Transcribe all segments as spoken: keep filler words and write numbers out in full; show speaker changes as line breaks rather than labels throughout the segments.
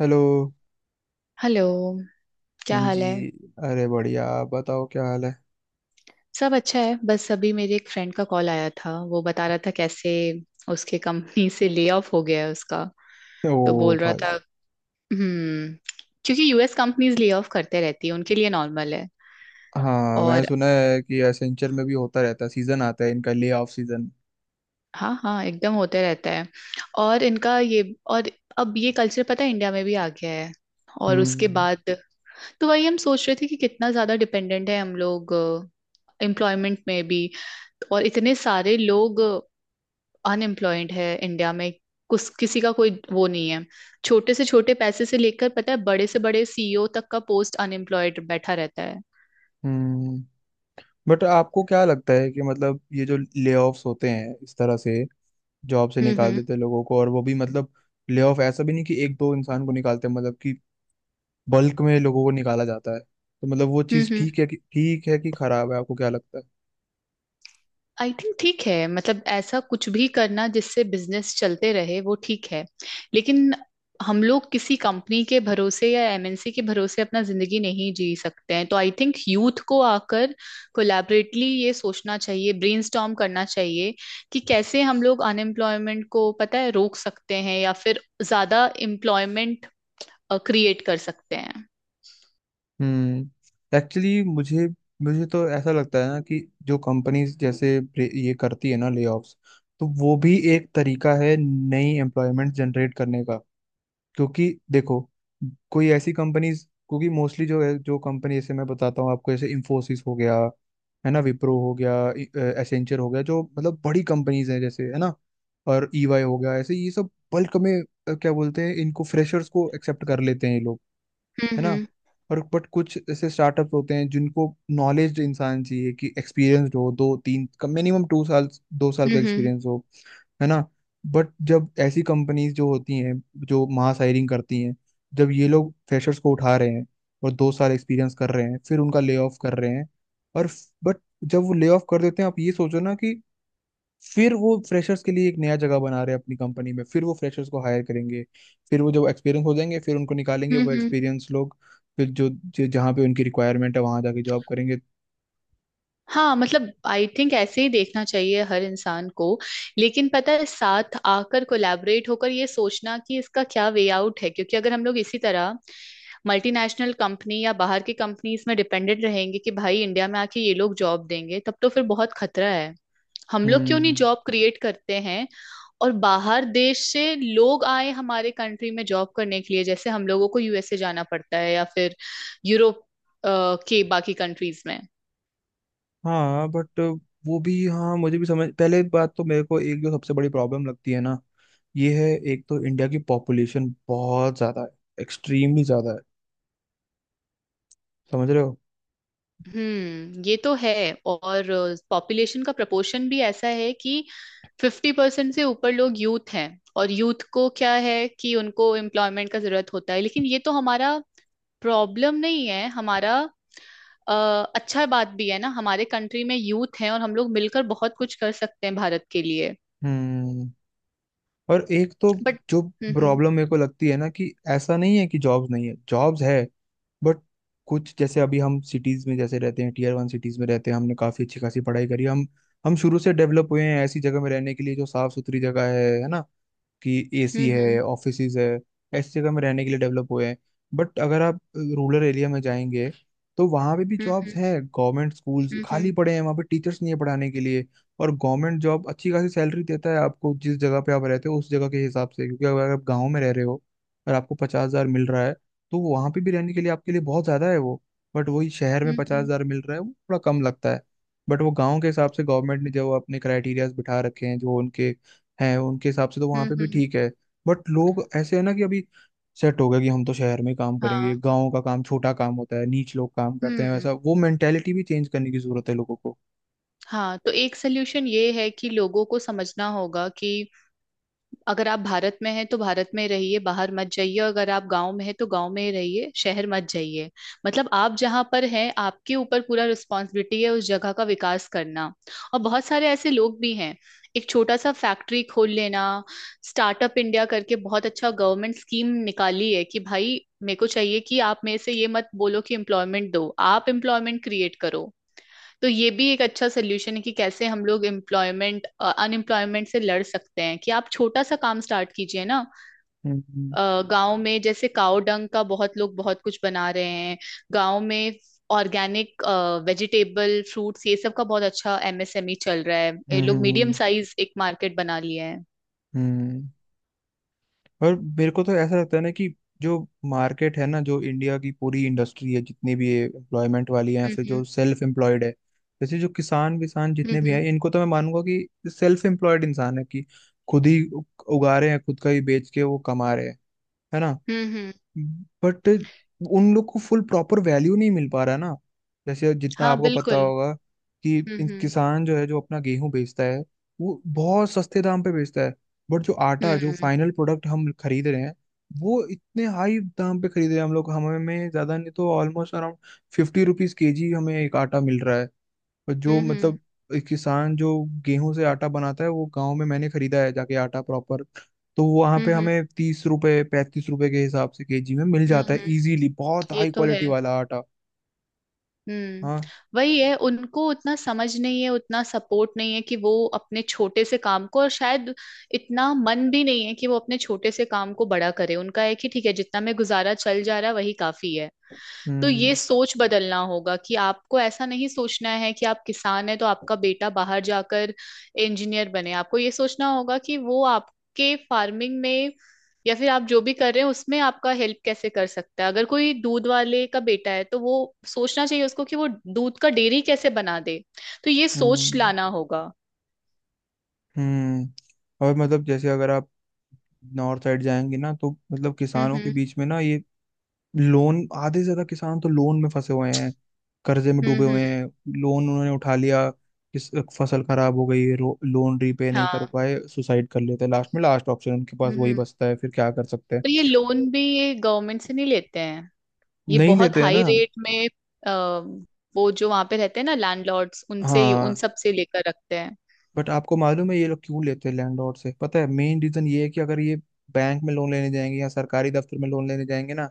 Hello.
Hello.
हाँ
क्या हाल
जी।
है?
अरे बढ़िया, आप बताओ क्या हाल है?
सब अच्छा है। बस अभी मेरे एक फ्रेंड का कॉल आया था, वो बता रहा था कैसे उसके कंपनी से ले ऑफ हो गया है उसका। तो
ओ
बोल रहा
भाई।
था। हम्म। क्योंकि U S companies lay off करते रहती है, उनके लिए नॉर्मल है।
हाँ, मैं
और
सुना है कि एसेंचर में भी होता रहता है। सीजन आता है इनका, ले ऑफ सीजन।
हाँ हाँ, एकदम होते रहता है। और इनका ये। और अब ये कल्चर पता है इंडिया में भी आ गया है। और उसके
हम्म,
बाद तो वही हम सोच रहे थे कि कितना ज्यादा डिपेंडेंट है हम लोग एम्प्लॉयमेंट में भी। और इतने सारे लोग अनएम्प्लॉयड है इंडिया में। कुछ किसी का कोई वो नहीं है। छोटे से छोटे पैसे से लेकर पता है बड़े से बड़े सी ई ओ तक का पोस्ट अनएम्प्लॉयड बैठा रहता है।
हम्म, बट आपको क्या लगता है कि मतलब ये जो ले ऑफ्स होते हैं इस तरह से जॉब से
हम्म।
निकाल
हम्म।
देते हैं लोगों को, और वो भी मतलब ले ऑफ ऐसा भी नहीं कि एक दो इंसान को निकालते हैं, मतलब कि बल्क में लोगों को निकाला जाता है। तो मतलब वो चीज़
हम्म।
ठीक है कि ठीक है कि खराब है, आपको क्या लगता है?
आई थिंक ठीक है, मतलब ऐसा कुछ भी करना जिससे बिजनेस चलते रहे वो ठीक है। लेकिन हम लोग किसी कंपनी के भरोसे या एम एन सी के भरोसे अपना जिंदगी नहीं जी सकते हैं, तो आई थिंक यूथ को आकर कोलैबोरेटली ये सोचना चाहिए, ब्रेनस्टॉर्म करना चाहिए कि कैसे हम लोग अनएम्प्लॉयमेंट को पता है रोक सकते हैं या फिर ज्यादा एम्प्लॉयमेंट क्रिएट कर सकते हैं।
हम्म, एक्चुअली मुझे मुझे तो ऐसा लगता है ना कि जो कंपनीज जैसे प्रे- ये करती है ना लेऑफ्स, तो वो भी एक तरीका है नई एम्प्लॉयमेंट जनरेट करने का। क्योंकि देखो, कोई ऐसी कंपनीज, क्योंकि मोस्टली जो है जो कंपनी, जैसे मैं बताता हूँ आपको, जैसे इंफोसिस हो गया, है ना, विप्रो हो गया, एसेंचर हो गया, जो मतलब बड़ी कंपनीज हैं जैसे, है ना, और ईवाई हो गया, ऐसे ये सब बल्क में अ, क्या बोलते हैं इनको, फ्रेशर्स को एक्सेप्ट कर लेते हैं ये लोग, है ना।
हम्म।
और बट कुछ ऐसे स्टार्टअप होते हैं जिनको नॉलेज इंसान चाहिए कि एक्सपीरियंसड हो, दो तीन कम मिनिमम टू साल, दो साल
हम्म।
का
हम्म।
एक्सपीरियंस हो, है ना। बट जब ऐसी कंपनीज जो होती हैं, जो मास हायरिंग करती हैं, जब ये लोग फ्रेशर्स को उठा रहे हैं और दो साल एक्सपीरियंस कर रहे हैं, फिर उनका ले ऑफ कर रहे हैं, और बट जब वो ले ऑफ कर देते हैं, आप ये सोचो ना कि फिर वो फ्रेशर्स के लिए एक नया जगह बना रहे हैं अपनी कंपनी में, फिर वो फ्रेशर्स को हायर करेंगे, फिर वो जब एक्सपीरियंस हो जाएंगे फिर उनको निकालेंगे वो
हम्म।
एक्सपीरियंस लोग फिर जो जो- जहाँ पे उनकी रिक्वायरमेंट है वहां जाके जॉब करेंगे।
हाँ मतलब आई थिंक ऐसे ही देखना चाहिए हर इंसान को। लेकिन पता है साथ आकर कोलैबोरेट होकर ये सोचना कि इसका क्या वे आउट है, क्योंकि अगर हम लोग इसी तरह मल्टीनेशनल कंपनी या बाहर की कंपनीज में डिपेंडेंट रहेंगे कि भाई इंडिया में आके ये लोग जॉब देंगे, तब तो फिर बहुत खतरा है। हम लोग क्यों नहीं
हम्म।
जॉब क्रिएट करते हैं और बाहर देश से लोग आए हमारे कंट्री में जॉब करने के लिए जैसे हम लोगों को यू एस ए जाना पड़ता है या फिर यूरोप अ, के बाकी कंट्रीज में।
हाँ बट वो भी, हाँ मुझे भी समझ, पहले बात तो मेरे को एक जो सबसे बड़ी प्रॉब्लम लगती है ना ये है, एक तो इंडिया की पॉपुलेशन बहुत ज्यादा है, एक्सट्रीमली ज्यादा है, समझ रहे हो।
हम्म। ये तो है। और पॉपुलेशन का प्रपोर्शन भी ऐसा है कि फिफ्टी परसेंट से ऊपर लोग यूथ हैं। और यूथ को क्या है कि उनको एम्प्लॉयमेंट का जरूरत होता है, लेकिन ये तो हमारा प्रॉब्लम नहीं है हमारा। अ, अच्छा बात भी है ना हमारे कंट्री में यूथ हैं और हम लोग मिलकर बहुत कुछ कर सकते हैं भारत के लिए।
हम्म। और एक तो
बट।
जो
हम्म।
प्रॉब्लम मेरे को लगती है ना कि ऐसा नहीं है कि जॉब्स नहीं है, जॉब्स है। बट कुछ जैसे अभी हम सिटीज में जैसे रहते हैं, टीयर वन सिटीज में रहते हैं, हमने काफी अच्छी खासी पढ़ाई करी, हम हम शुरू से डेवलप हुए हैं ऐसी जगह में रहने के लिए जो साफ सुथरी जगह है है ना, कि एसी
हम्म।
है,
हम्म।
ऑफिसेज है, ऐसी जगह में रहने के लिए डेवलप हुए हैं। बट अगर आप रूरल एरिया में जाएंगे, तो वहाँ पे भी जॉब्स
हम्म।
है, गवर्नमेंट स्कूल्स
हम्म।
खाली
हम्म।
पड़े हैं, वहाँ पे टीचर्स नहीं है पढ़ाने के लिए। और गवर्नमेंट जॉब अच्छी खासी सैलरी देता है आपको जिस जगह पे आप रहते हो उस जगह के हिसाब से, क्योंकि अगर आप गाँव में रह रहे हो और आपको पचास हजार मिल रहा है, तो वहाँ पे भी रहने के लिए आपके लिए बहुत ज़्यादा है वो। बट वही शहर में
हम्म। हम्म।
पचास
हम्म।
हजार मिल रहा है वो थोड़ा कम लगता है। बट वो गाँव के हिसाब से गवर्नमेंट ने जो अपने क्राइटेरियाज बिठा रखे हैं, जो उनके है उनके हिसाब से, तो वहां
हम्म,
पे
हम्म,
भी
हम्म,
ठीक है। बट लोग ऐसे है ना कि अभी सेट हो गया कि हम तो शहर में काम करेंगे,
हाँ।
गाँव का काम छोटा काम होता है, नीच लोग काम करते हैं,
हम्म।
वैसा वो मेंटेलिटी भी चेंज करने की जरूरत है लोगों को।
हाँ तो एक सोल्यूशन ये है कि लोगों को समझना होगा कि अगर आप भारत में हैं तो भारत में रहिए, बाहर मत जाइए। अगर आप गांव में हैं तो गांव में ही रहिए, शहर मत जाइए। मतलब आप जहां पर हैं आपके ऊपर पूरा रिस्पॉन्सिबिलिटी है उस जगह का विकास करना। और बहुत सारे ऐसे लोग भी हैं। एक छोटा सा फैक्ट्री खोल लेना। स्टार्टअप इंडिया करके बहुत अच्छा गवर्नमेंट स्कीम निकाली है कि भाई मेरे को चाहिए कि आप मेरे से ये मत बोलो कि एम्प्लॉयमेंट दो, आप एम्प्लॉयमेंट क्रिएट करो। तो ये भी एक अच्छा सोल्यूशन है कि कैसे हम लोग एम्प्लॉयमेंट अनएम्प्लॉयमेंट से लड़ सकते हैं कि आप छोटा सा काम स्टार्ट कीजिए ना।
हम्म,
गांव में जैसे काव डंग का बहुत लोग बहुत कुछ बना रहे हैं गांव में। ऑर्गेनिक वेजिटेबल फ्रूट्स ये सब का बहुत अच्छा एम एस एम ई चल रहा है, ये
हम्म,
लोग मीडियम
हम्म,
साइज एक मार्केट बना लिए हैं।
हम्म। और मेरे को तो ऐसा लगता है ना कि जो मार्केट है ना, जो इंडिया की पूरी इंडस्ट्री है, जितनी भी एम्प्लॉयमेंट वाली है या फिर
हम्म।
जो सेल्फ एम्प्लॉयड है, जैसे जो किसान विसान
हम्म।
जितने भी
हम्म।
हैं, इनको तो मैं मानूंगा कि सेल्फ एम्प्लॉयड इंसान है कि खुद ही उग- उगा रहे हैं, खुद का ही बेच के वो कमा रहे हैं, है ना।
हम्म। हम्म। हम्म,
बट उन लोग को फुल प्रॉपर वैल्यू नहीं मिल पा रहा ना। जैसे जितना
हाँ
आपको पता
बिल्कुल।
होगा कि
हम्म।
इन
हम्म।
किसान जो है, जो अपना गेहूं बेचता है, वो बहुत सस्ते दाम पे बेचता है। बट जो आटा जो
हम्म।
फाइनल प्रोडक्ट हम खरीद रहे हैं, वो इतने हाई दाम पे खरीद रहे हैं हम लोग, हमें में ज्यादा नहीं तो almost around fifty rupees KG हमें एक आटा मिल रहा है। और जो
हम्म। हम्म।
मतलब एक किसान जो गेहूं से आटा बनाता है, वो गांव में मैंने खरीदा है जाके आटा प्रॉपर, तो वहां पे
हम्म।
हमें तीस रुपए पैंतीस रुपए के हिसाब से केजी में मिल
हम्म।
जाता है
हम्म,
इजीली, बहुत
ये
हाई
तो है।
क्वालिटी वाला आटा।
हम्म।
हाँ।
वही है। उनको उतना समझ नहीं है, उतना सपोर्ट नहीं है कि वो अपने छोटे से काम को, और शायद इतना मन भी नहीं है कि वो अपने छोटे से काम को बड़ा करे। उनका है कि ठीक है, जितना में गुजारा चल जा रहा है वही काफी है। तो ये
हम्म,
सोच बदलना होगा कि आपको ऐसा नहीं सोचना है कि आप किसान हैं तो आपका बेटा बाहर जाकर इंजीनियर बने। आपको ये सोचना होगा कि वो आपके फार्मिंग में या फिर आप जो भी कर रहे हैं उसमें आपका हेल्प कैसे कर सकता है। अगर कोई दूध वाले का बेटा है तो वो सोचना चाहिए उसको कि वो दूध का डेयरी कैसे बना दे। तो ये सोच
हम्म,
लाना होगा।
हम्म। और मतलब जैसे अगर आप नॉर्थ साइड जाएंगे ना, तो मतलब
हम्म।
किसानों के
हम्म।
बीच में ना ये लोन, आधे से ज्यादा किसान तो लोन में फंसे हुए हैं, कर्जे में
हम्म।
डूबे हुए
हम्म।
हैं, लोन उन्होंने उठा लिया, किस फसल खराब हो गई, रो- लोन रीपे नहीं कर
हाँ।
पाए, सुसाइड कर लेते हैं लास्ट में, लास्ट ऑप्शन उनके पास
हम्म।
वही
हम्म।
बचता है, फिर क्या कर सकते हैं।
और ये लोन भी ये गवर्नमेंट से नहीं लेते हैं, ये
नहीं
बहुत
लेते हैं
हाई
ना।
रेट में। अ, वो जो वहां पे रहते हैं ना लैंडलॉर्ड्स उनसे ही उन
हाँ
सब से लेकर रखते हैं।
बट आपको मालूम है ये लोग क्यों लेते हैं लैंडलॉर्ड से? पता है मेन रीजन ये है कि अगर ये बैंक में लोन लेने जाएंगे या सरकारी दफ्तर में लोन लेने जाएंगे ना,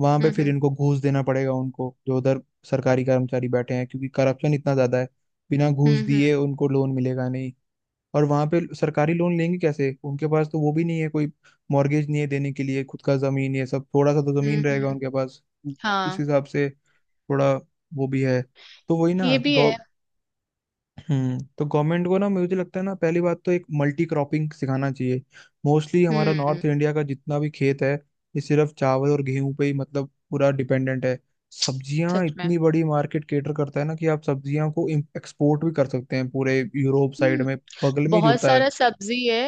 वहां पे फिर
हम्म।
इनको घूस देना पड़ेगा, उनको जो उधर सरकारी कर्मचारी बैठे हैं, क्योंकि करप्शन इतना ज्यादा है, बिना घूस
हम्म। हम्म।
दिए उनको लोन मिलेगा नहीं। और वहां पे सरकारी लोन लेंगे कैसे, उनके पास तो वो भी नहीं है कोई मॉर्गेज नहीं है देने के लिए, खुद का जमीन ये सब, थोड़ा सा तो
हम्म।
जमीन रहेगा
हम्म,
उनके पास उ- उस
हाँ,
हिसाब से, थोड़ा वो भी है, तो वही ना।
ये भी है।
हम्म, तो गवर्नमेंट को ना मुझे लगता है ना, पहली बात तो एक मल्टी क्रॉपिंग सिखाना चाहिए। मोस्टली हमारा
हम्म।
नॉर्थ इंडिया का जितना भी खेत है, ये सिर्फ चावल और गेहूं पे ही मतलब पूरा डिपेंडेंट है। सब्जियां
सच में।
इतनी बड़ी मार्केट केटर करता है ना कि आप सब्जियां को एक्सपोर्ट भी कर सकते हैं पूरे यूरोप साइड
हम्म।
में, बगल में ही
बहुत
जुड़ता है।
सारा सब्जी है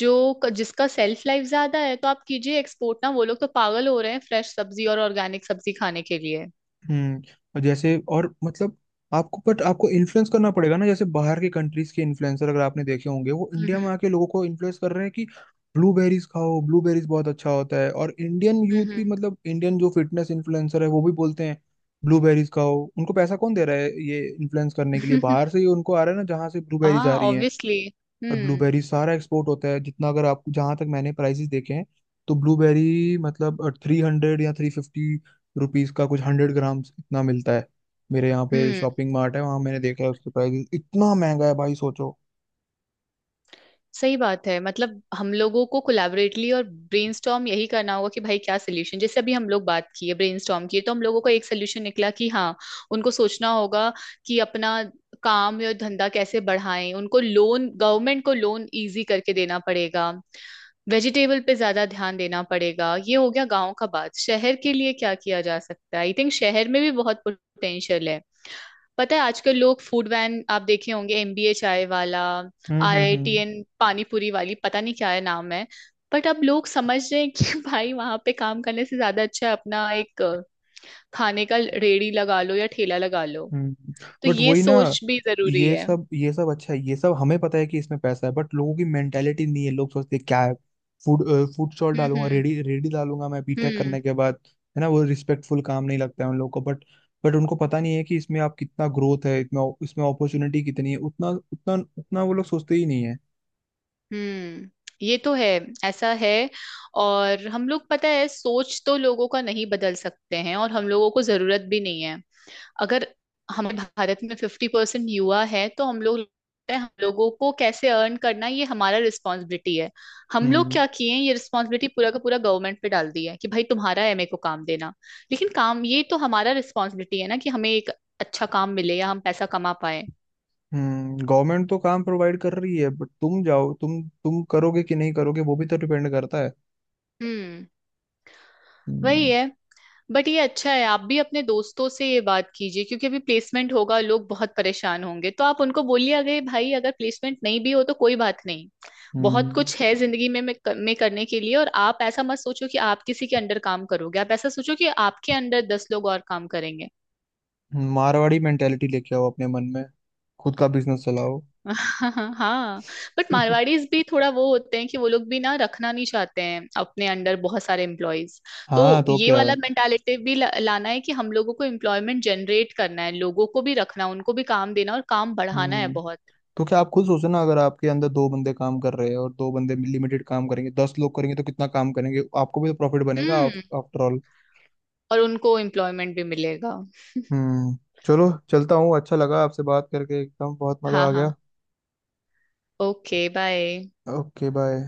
जो जिसका सेल्फ लाइफ ज्यादा है, तो आप कीजिए एक्सपोर्ट ना। वो लोग तो पागल हो रहे हैं फ्रेश सब्जी और ऑर्गेनिक सब्जी खाने के लिए।
हम्म। और जैसे और मतलब आपको, बट आपको इन्फ्लुएंस करना पड़ेगा ना, जैसे बाहर के कंट्रीज के इन्फ्लुएंसर अगर आपने देखे होंगे, वो इंडिया में
हम्म।
आके लोगों को इन्फ्लुएंस कर रहे हैं कि ब्लूबेरीज खाओ, ब्लूबेरीज बहुत अच्छा होता है, और इंडियन
हम्म।
यूथ
हम्म।
भी, मतलब इंडियन जो फिटनेस इन्फ्लुएंसर है वो भी बोलते हैं ब्लूबेरीज खाओ। उनको पैसा कौन दे रहा है ये इन्फ्लुएंस करने के लिए, बाहर से ही उनको आ रहा है ना, जहाँ से ब्लूबेरीज
हाँ,
आ रही हैं।
ऑब्वियसली।
और
हम्म।
ब्लूबेरी सारा एक्सपोर्ट होता है जितना। अगर आप, जहां तक मैंने प्राइसेस देखे हैं, तो ब्लूबेरी मतलब थ्री हंड्रेड या थ्री फिफ्टी रुपीज का कुछ हंड्रेड ग्राम इतना मिलता है। मेरे यहाँ पे
हम्म।
शॉपिंग मार्ट है, वहां मैंने देखा है उसके प्राइस, इतना महंगा है भाई, सोचो।
सही बात है, मतलब हम लोगों को कोलैबोरेटली और ब्रेनस्टॉर्म यही करना होगा कि भाई क्या सोल्यूशन। जैसे अभी हम लोग बात की है, ब्रेनस्टॉर्म की, तो हम लोगों को एक सोल्यूशन निकला कि हाँ, उनको सोचना होगा कि अपना काम या धंधा कैसे बढ़ाएं। उनको लोन, गवर्नमेंट को लोन इजी करके देना पड़ेगा। वेजिटेबल पे ज्यादा ध्यान देना पड़ेगा। ये हो गया गांव का बात, शहर के लिए क्या किया जा सकता है? आई थिंक शहर में भी बहुत पोटेंशियल है। पता है आजकल लोग फूड वैन आप देखे होंगे एम बी ए चाय वाला,
हम्म, हम्म, हम्म,
आर आई टी एन, पानी पूरी वाली, पता नहीं क्या है नाम है। बट अब लोग समझ रहे हैं कि भाई वहां पे काम करने से ज्यादा अच्छा है अपना एक अ, खाने का रेड़ी लगा लो या ठेला लगा लो।
हम्म।
तो
बट
ये
वही ना,
सोच भी जरूरी
ये
है।
सब ये सब अच्छा है, ये सब हमें पता है कि इसमें पैसा है, बट लोगों की मेंटेलिटी नहीं है। लोग सोचते हैं, क्या है, फूड फूड स्टॉल
हम्म।
डालूंगा,
हम्म।
रेडी रेडी डालूंगा, मैं बीटेक
हम्म।
करने के बाद, है ना, वो रिस्पेक्टफुल काम नहीं लगता है उन लोगों को। बट बट उनको पता नहीं है कि इसमें आप कितना ग्रोथ है, इतना इसमें अपॉर्चुनिटी कितनी है, उतना उतना उतना वो लोग सोचते ही नहीं है।
हम्म। ये तो है। ऐसा है। और हम लोग पता है सोच तो लोगों का नहीं बदल सकते हैं, और हम लोगों को जरूरत भी नहीं है। अगर हमें भारत में फिफ्टी परसेंट युवा है तो हम लोग, हम लोगों को कैसे अर्न करना ये हमारा रिस्पॉन्सिबिलिटी है। हम लोग
हम्म।
क्या किए हैं, ये रिस्पॉन्सिबिलिटी पूरा का पूरा गवर्नमेंट पे डाल दी है कि भाई तुम्हारा है मेरे को काम देना। लेकिन काम ये तो हमारा रिस्पॉन्सिबिलिटी है ना कि हमें एक अच्छा काम मिले या हम पैसा कमा पाए।
हम्म, गवर्नमेंट तो काम प्रोवाइड कर रही है बट तुम जाओ, तुम तुम करोगे कि नहीं करोगे वो भी तो डिपेंड करता है।
हम्म। वही
हम्म।
है। बट ये अच्छा है, आप भी अपने दोस्तों से ये बात कीजिए क्योंकि अभी प्लेसमेंट होगा, लोग बहुत परेशान होंगे, तो आप उनको बोलिए अगर भाई अगर प्लेसमेंट नहीं भी हो तो कोई बात नहीं। बहुत
हम्म।
कुछ है जिंदगी में में में करने के लिए। और आप ऐसा मत सोचो कि आप किसी के अंडर काम करोगे, आप ऐसा सोचो कि आपके अंडर दस लोग और काम करेंगे।
मारवाड़ी मेंटेलिटी लेके आओ अपने मन में, खुद का बिजनेस चलाओ।
हाँ। बट मारवाड़ीज भी थोड़ा वो होते हैं कि वो लोग भी ना रखना नहीं चाहते हैं अपने अंडर बहुत सारे एम्प्लॉयज। तो
हाँ तो
ये
क्या।
वाला मेंटालिटी भी ला, लाना है कि हम लोगों को एम्प्लॉयमेंट जनरेट करना है, लोगों को भी रखना, उनको भी काम देना और काम बढ़ाना है
हम्म,
बहुत।
तो क्या आप खुद सोचो ना, अगर आपके अंदर दो बंदे काम कर रहे हैं, और दो बंदे लिमिटेड काम करेंगे, दस लोग करेंगे तो कितना काम करेंगे, आपको भी तो प्रॉफिट बनेगा
हम्म।
After all.
और उनको एम्प्लॉयमेंट भी मिलेगा।
हम्म। चलो, चलता हूँ, अच्छा लगा आपसे बात करके, एकदम बहुत मजा
हाँ
आ
हाँ।
गया।
Okay bye.
Okay bye.